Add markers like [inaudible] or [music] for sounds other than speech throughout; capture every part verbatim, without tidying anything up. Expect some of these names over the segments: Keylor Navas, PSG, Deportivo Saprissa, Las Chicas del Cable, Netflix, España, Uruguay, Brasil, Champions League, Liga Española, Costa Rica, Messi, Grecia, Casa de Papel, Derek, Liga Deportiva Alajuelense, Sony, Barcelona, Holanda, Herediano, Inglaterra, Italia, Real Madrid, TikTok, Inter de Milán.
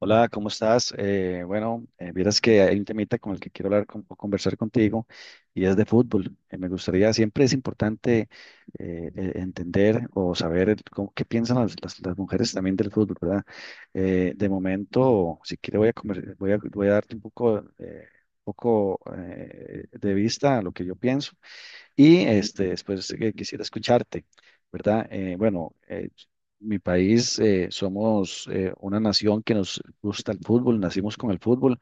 Hola, ¿cómo estás? Eh, bueno, eh, vieras que hay un temita con el que quiero hablar con- o conversar contigo y es de fútbol. Eh, me gustaría, siempre es importante eh, eh, entender o saber el- cómo- qué piensan las, las- las mujeres también del fútbol, ¿verdad? Eh, de momento, si quieres voy a, conver- voy a, voy a darte un poco, eh, poco eh, de vista a lo que yo pienso y este, después eh, quisiera escucharte, ¿verdad? Eh, bueno, eh, mi país, eh, somos eh, una nación que nos gusta el fútbol, nacimos con el fútbol.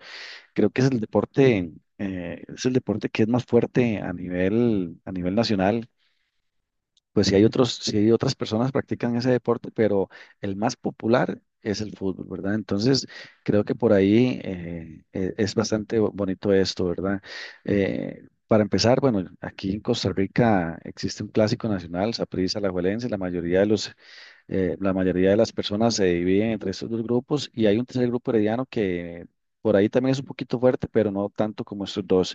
Creo que es el deporte, eh, es el deporte que es más fuerte a nivel, a nivel nacional. Pues sí hay otros, sí hay otras personas que practican ese deporte, pero el más popular es el fútbol, ¿verdad? Entonces, creo que por ahí eh, eh, es bastante bo- bonito esto, ¿verdad? Eh, para empezar, bueno, aquí en Costa Rica existe un clásico nacional, Saprissa, Alajuelense, la mayoría de los, eh, la mayoría de las personas se dividen entre estos dos grupos y hay un tercer grupo herediano que por ahí también es un poquito fuerte, pero no tanto como estos dos.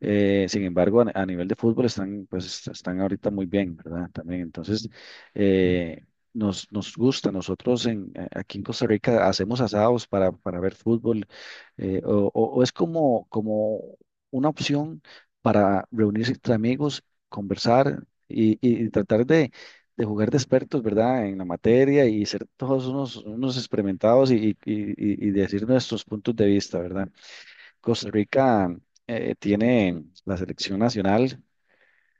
Eh, sin embargo, a, a nivel de fútbol están, pues, están ahorita muy bien, ¿verdad? También, entonces, eh, nos, nos gusta. Nosotros en, eh, aquí en Costa Rica hacemos asados para, para ver fútbol, eh, o, o- o es como, como una opción para reunirse entre amigos, conversar y, y- y tratar de, de jugar de expertos, ¿verdad? En la materia y ser todos unos, unos experimentados y, y, y y decir nuestros puntos de vista, ¿verdad? Costa Rica eh, tiene la selección nacional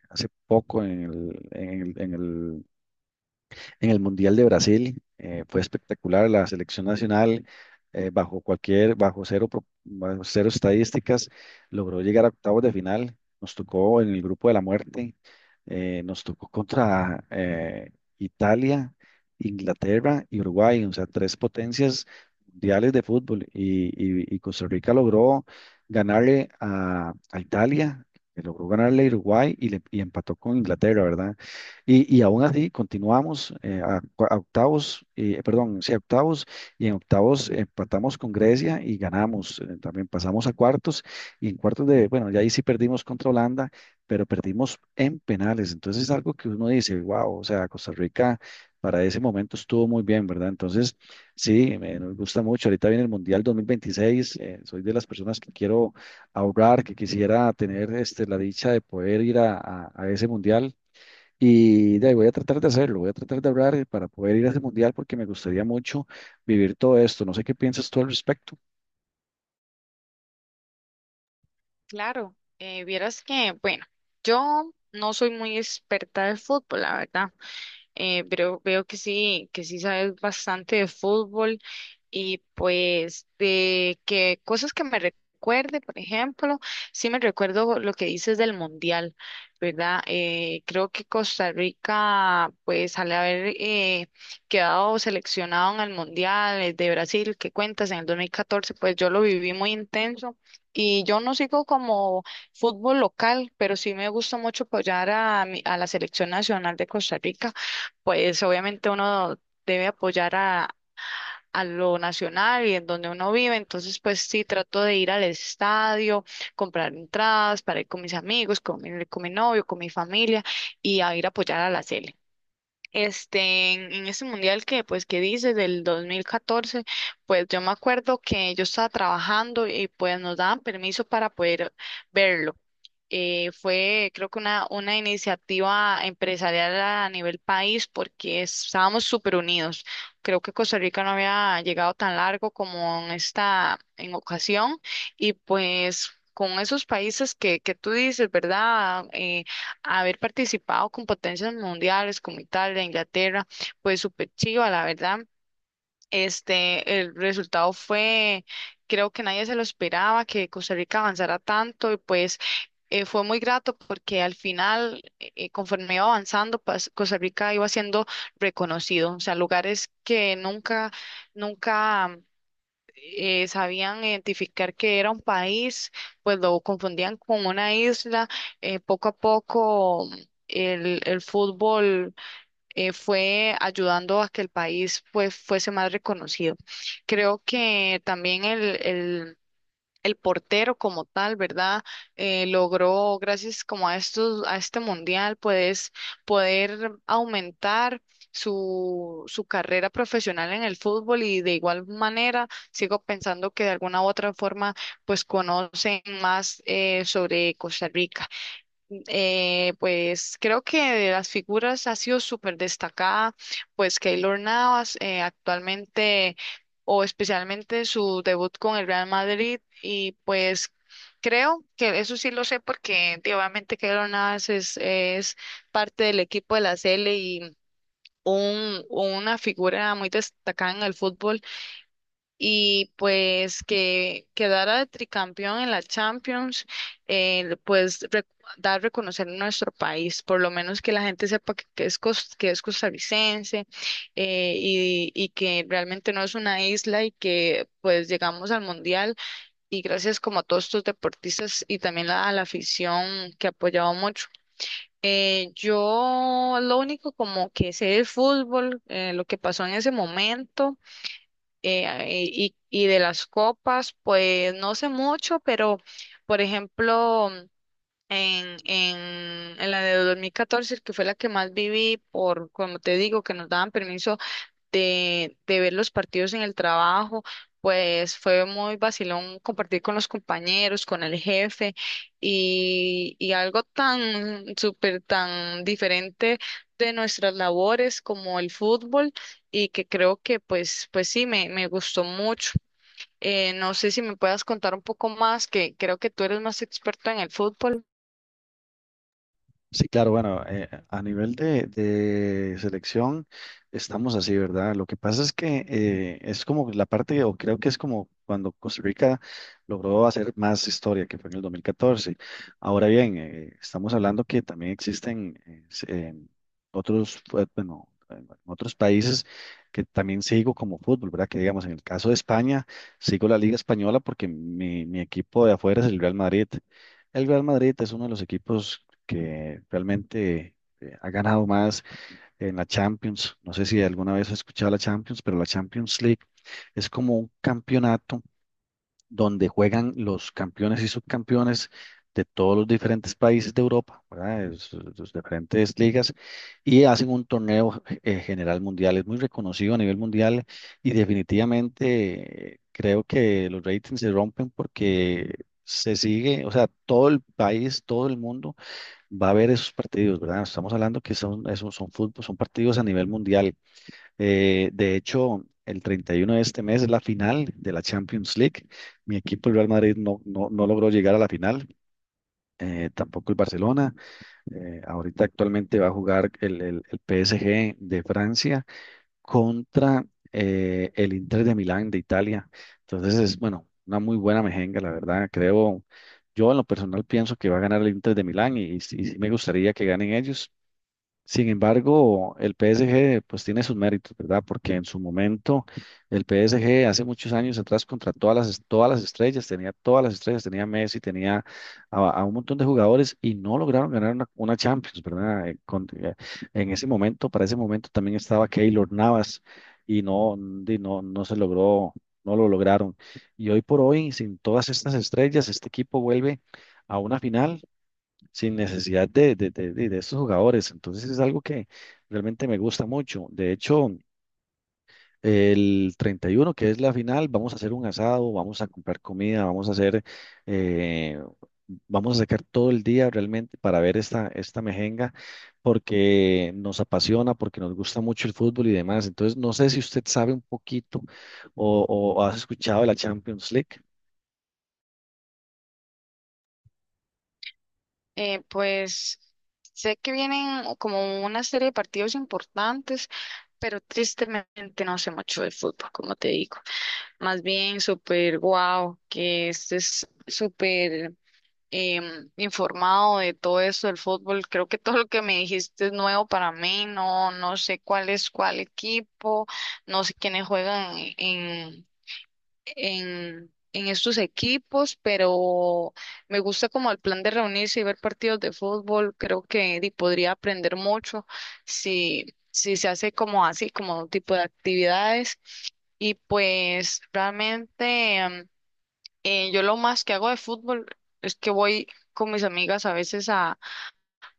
hace poco en el, en el, en el en el Mundial de Brasil. Eh, fue espectacular la selección nacional, eh, bajo cualquier, bajo cero, pro- bajo cero estadísticas, logró llegar a octavos de final. Nos tocó en el grupo de la muerte, eh, nos tocó contra eh, Italia, Inglaterra y Uruguay, o sea, tres potencias mundiales de fútbol. Y, y- y Costa Rica logró ganarle a, a Italia, que logró ganarle a Uruguay y, le, y empató con Inglaterra, ¿verdad? Y, y aún así continuamos eh, a, cua- a octavos, eh, perdón, sí, a octavos, y en octavos empatamos con Grecia y ganamos. Eh, también pasamos a cuartos, y en cuartos de, bueno, ya ahí sí perdimos contra Holanda, pero perdimos en penales. Entonces es algo que uno dice, wow, o sea, Costa Rica para ese momento estuvo muy bien, ¿verdad? Entonces, sí, me, nos gusta mucho. Ahorita viene el Mundial dos mil veintiséis, eh, soy de las personas que quiero ahorrar, que quisiera tener este, la dicha de poder ir a, a a ese Mundial y de ahí voy a tratar de hacerlo, voy a tratar de hablar para poder ir a ese mundial porque me gustaría mucho vivir todo esto. No sé qué piensas tú al respecto. Claro, eh, vieras que, bueno, yo no soy muy experta de fútbol, la verdad, eh, pero veo que sí, que sí sabes bastante de fútbol y pues de que cosas que me recuerde, por ejemplo, sí me recuerdo lo que dices del mundial, ¿verdad? Eh, creo que Costa Rica, pues al haber eh, quedado seleccionado en el mundial eh, de Brasil, que cuentas en el dos mil catorce pues yo lo viví muy intenso. Y yo no sigo como fútbol local, pero sí me gusta mucho apoyar a, mi- a la selección nacional de Costa Rica. Pues obviamente uno debe apoyar a lo nacional y en donde uno vive. Entonces, pues sí, trato de ir al estadio, comprar entradas para ir con mis amigos, con mi, con mi novio, con mi familia y a ir a apoyar a la Sele. Este, en, en ese mundial que, pues, que dices del dos mil catorce, pues yo me acuerdo que yo estaba trabajando y pues nos daban permiso para poder verlo. Eh, fue, creo que una, una iniciativa empresarial a nivel país porque estábamos súper unidos. Creo que Costa Rica no había llegado tan largo como en esta, en ocasión y pues... Con esos países que, que tú dices, ¿verdad? Eh, haber participado con potencias mundiales como Italia, Inglaterra, pues súper chiva, la verdad. Este, el resultado fue, creo que nadie se lo esperaba, que Costa Rica avanzara tanto y pues eh, fue muy grato porque al final, eh, eh, conforme iba avanzando, pas- Costa Rica iba siendo reconocido, o sea, lugares que nunca, nunca eh, sabían identificar que era un país, pues lo confundían con una isla. Eh, poco a poco el, el fútbol eh, fue ayudando a que el país pues, fuese más reconocido. Creo que también el, el el portero como tal, ¿verdad? Eh, logró, gracias como a estos, a este mundial, puedes poder aumentar su, su carrera profesional en el fútbol y de igual manera sigo pensando que de alguna u otra forma pues conocen más eh, sobre Costa Rica. Eh, pues creo que de las figuras ha sido súper destacada, pues Keylor Navas eh, actualmente o especialmente su debut con el Real Madrid y pues creo que eso sí lo sé porque tío, obviamente Keylor Navas es, es parte del equipo de la C L y un, una figura muy destacada en el fútbol y pues que quedara de tricampeón en la Champions, eh, pues rec- dar reconocer nuestro país, por lo menos que la gente sepa que, que es, cos- que es costarricense eh, y, y que realmente no es una isla y que pues llegamos al Mundial y gracias como a todos estos deportistas y también la- a la afición que ha apoyado mucho. Eh, yo lo único como que sé de fútbol, eh, lo que pasó en ese momento eh, y, y de las copas, pues no sé mucho, pero por ejemplo, en, en, en la de dos mil catorce que fue la que más viví, por como te digo, que nos daban permiso de, de ver los partidos en el trabajo, pues fue muy vacilón compartir con los compañeros, con el jefe y, y algo tan súper, tan diferente de nuestras labores como el fútbol y que creo que pues, pues sí, me, me gustó mucho. Eh, no sé si me puedas contar un poco más, que creo que tú eres más experto en el fútbol. Sí, claro, bueno, eh, a nivel de, de selección estamos así, ¿verdad? Lo que pasa es que eh, es como la parte, o creo que es como cuando Costa Rica logró hacer más historia, que fue en el dos mil catorce. Ahora bien, eh, estamos hablando que también existen eh, s- eh, otros, fue- bueno, en otros países que también sigo como fútbol, ¿verdad? Que digamos, en el caso de España, sigo la Liga Española porque mi, mi equipo de afuera es el Real Madrid. El Real Madrid es uno de los equipos que realmente eh, ha ganado más en la Champions. No sé si alguna vez has escuchado la Champions, pero la Champions League es como un campeonato donde juegan los campeones y subcampeones de todos los diferentes países de Europa, ¿verdad? De sus- sus diferentes ligas, y hacen un torneo eh, general mundial. Es muy reconocido a nivel mundial y definitivamente eh, creo que los ratings se rompen porque se sigue, o sea, todo el país, todo el mundo va a haber esos partidos, ¿verdad? Estamos hablando que son, esos son fútbol, son partidos a nivel mundial. Eh, de hecho, el treinta y uno de este mes es la final de la Champions League. Mi equipo, el Real Madrid, no, no, no logró llegar a la final. Eh, tampoco el Barcelona. Eh, ahorita actualmente va a jugar el, el- el P S G de Francia contra eh, el Inter de Milán de Italia. Entonces es, bueno, una muy buena mejenga, la verdad. Creo, yo en lo personal pienso que va a ganar el Inter de Milán y, y sí y sí me gustaría que ganen ellos. Sin embargo, el P S G pues tiene sus méritos, ¿verdad? Porque en su momento el P S G hace muchos años atrás contrató a las, es- todas las estrellas, tenía todas las estrellas, tenía a Messi, tenía a, a un montón de jugadores y no lograron ganar una, una Champions, ¿verdad? Eh, con- eh, en ese momento, para ese momento también estaba Keylor Navas y no, y no, no se logró, no lo lograron. Y hoy por hoy, sin todas estas estrellas, este equipo vuelve a una final sin necesidad de, de, de, de- de estos jugadores. Entonces es algo que realmente me gusta mucho. De hecho, el treinta y uno que es la final, vamos a hacer un asado, vamos a comprar comida, vamos a hacer, eh, vamos a sacar todo el día realmente para ver esta, esta mejenga, porque nos apasiona, porque nos gusta mucho el fútbol y demás. Entonces, no sé si usted sabe un poquito o, o has escuchado de la Champions League. Eh, pues sé que vienen como una serie de partidos importantes, pero tristemente no sé mucho del fútbol, como te digo. Más bien súper guau, que estés súper em, informado de todo eso del fútbol. Creo que todo lo que me dijiste es nuevo para mí. No, no sé cuál es cuál equipo, no sé quiénes juegan en en, en estos equipos, pero me gusta como el plan de reunirse y ver partidos de fútbol. Creo que di, podría aprender mucho si, si se hace como así, como un tipo de actividades. Y pues realmente em, eh, yo lo más que hago de fútbol es que voy con mis amigas a veces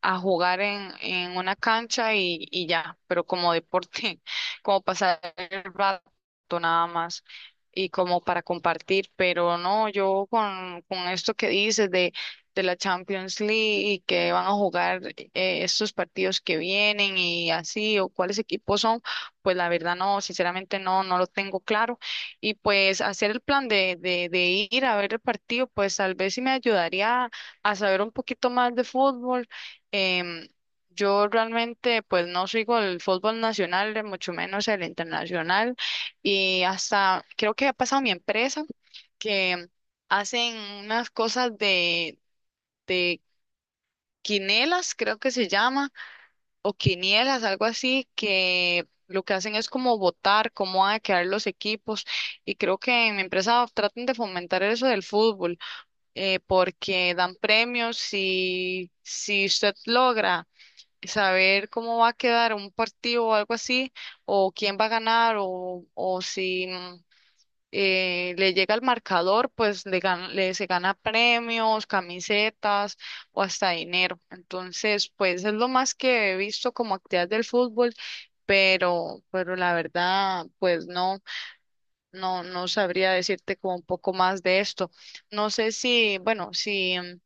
a jugar en, en una cancha y, y ya, pero como deporte, [laughs] como pasar el rato nada más y como para compartir, pero no, yo con, con esto que dices de, de la Champions League y que van a jugar eh, estos partidos que vienen y así, o cuáles equipos son, pues la verdad no, sinceramente no, no lo tengo claro. Y pues hacer el plan de, de, de ir a ver el partido, pues tal vez sí me ayudaría a saber un poquito más de fútbol. Em, yo realmente pues no sigo el fútbol nacional, mucho menos el internacional, y hasta creo que ha pasado mi empresa que hacen unas cosas de, de quinelas, creo que se llama, o quinielas, algo así, que lo que hacen es como votar cómo van a quedar los equipos, y creo que en mi empresa tratan de fomentar eso del fútbol, eh, porque dan premios y si usted logra saber cómo va a quedar un partido o algo así, o quién va a ganar, o, o si mm, eh, le llega el marcador, pues le, gan- le se gana premios, camisetas o hasta dinero. Entonces, pues es lo más que he visto como actividad del fútbol. Pero, pero la verdad, pues no, no, no sabría decirte como un poco más de esto. No sé si, bueno, si mm,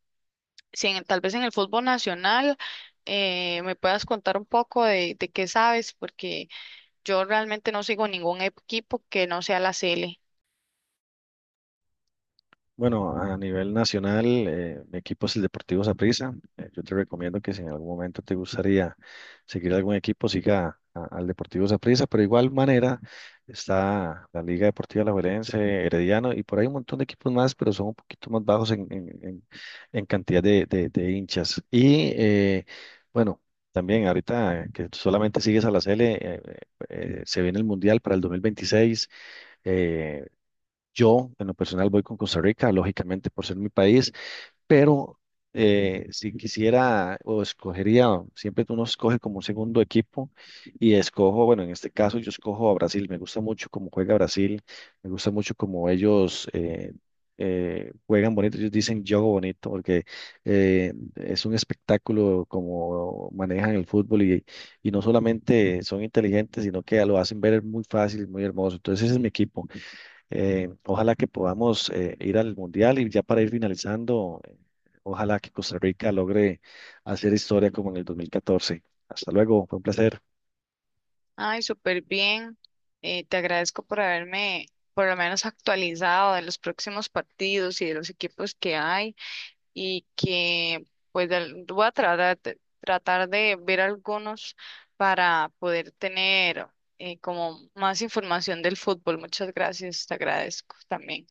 si en- tal vez en el fútbol nacional eh, me puedas contar un poco de, de qué sabes, porque yo realmente no sigo ningún equipo que no sea la C L. Bueno, a nivel nacional, eh, mi equipo es el Deportivo Saprissa. Eh, yo te recomiendo que si en algún momento te gustaría seguir algún equipo, siga a- al Deportivo Saprissa, pero de igual manera está la Liga Deportiva Alajuelense, Herediano y por ahí un montón de equipos más, pero son un poquito más bajos en, en, en- en cantidad de, de- de hinchas. Y eh, bueno, también ahorita eh, que solamente sigues a la Cele, eh, eh, eh, se viene el Mundial para el dos mil veintiséis. eh, yo, en lo personal, voy con Costa Rica, lógicamente por ser mi país, pero eh, si quisiera o escogería, siempre uno escoge como un segundo equipo y escojo, bueno, en este caso yo escojo a Brasil, me gusta mucho cómo juega Brasil, me gusta mucho cómo ellos eh, eh, juegan bonito, ellos dicen juego bonito porque eh, es un espectáculo como manejan el fútbol y, y no solamente son inteligentes, sino que lo hacen ver muy fácil, muy hermoso, entonces ese es mi equipo. Eh, ojalá que podamos eh, ir al Mundial y ya para ir finalizando, eh, ojalá que Costa Rica logre hacer historia como en el dos mil catorce. Hasta luego, fue un placer. Ay, súper bien. Eh, te agradezco por haberme por lo menos actualizado de los próximos partidos y de los equipos que hay y que pues del- voy a tratar, de- tratar de ver algunos para poder tener eh, como más información del fútbol. Muchas gracias, te agradezco también.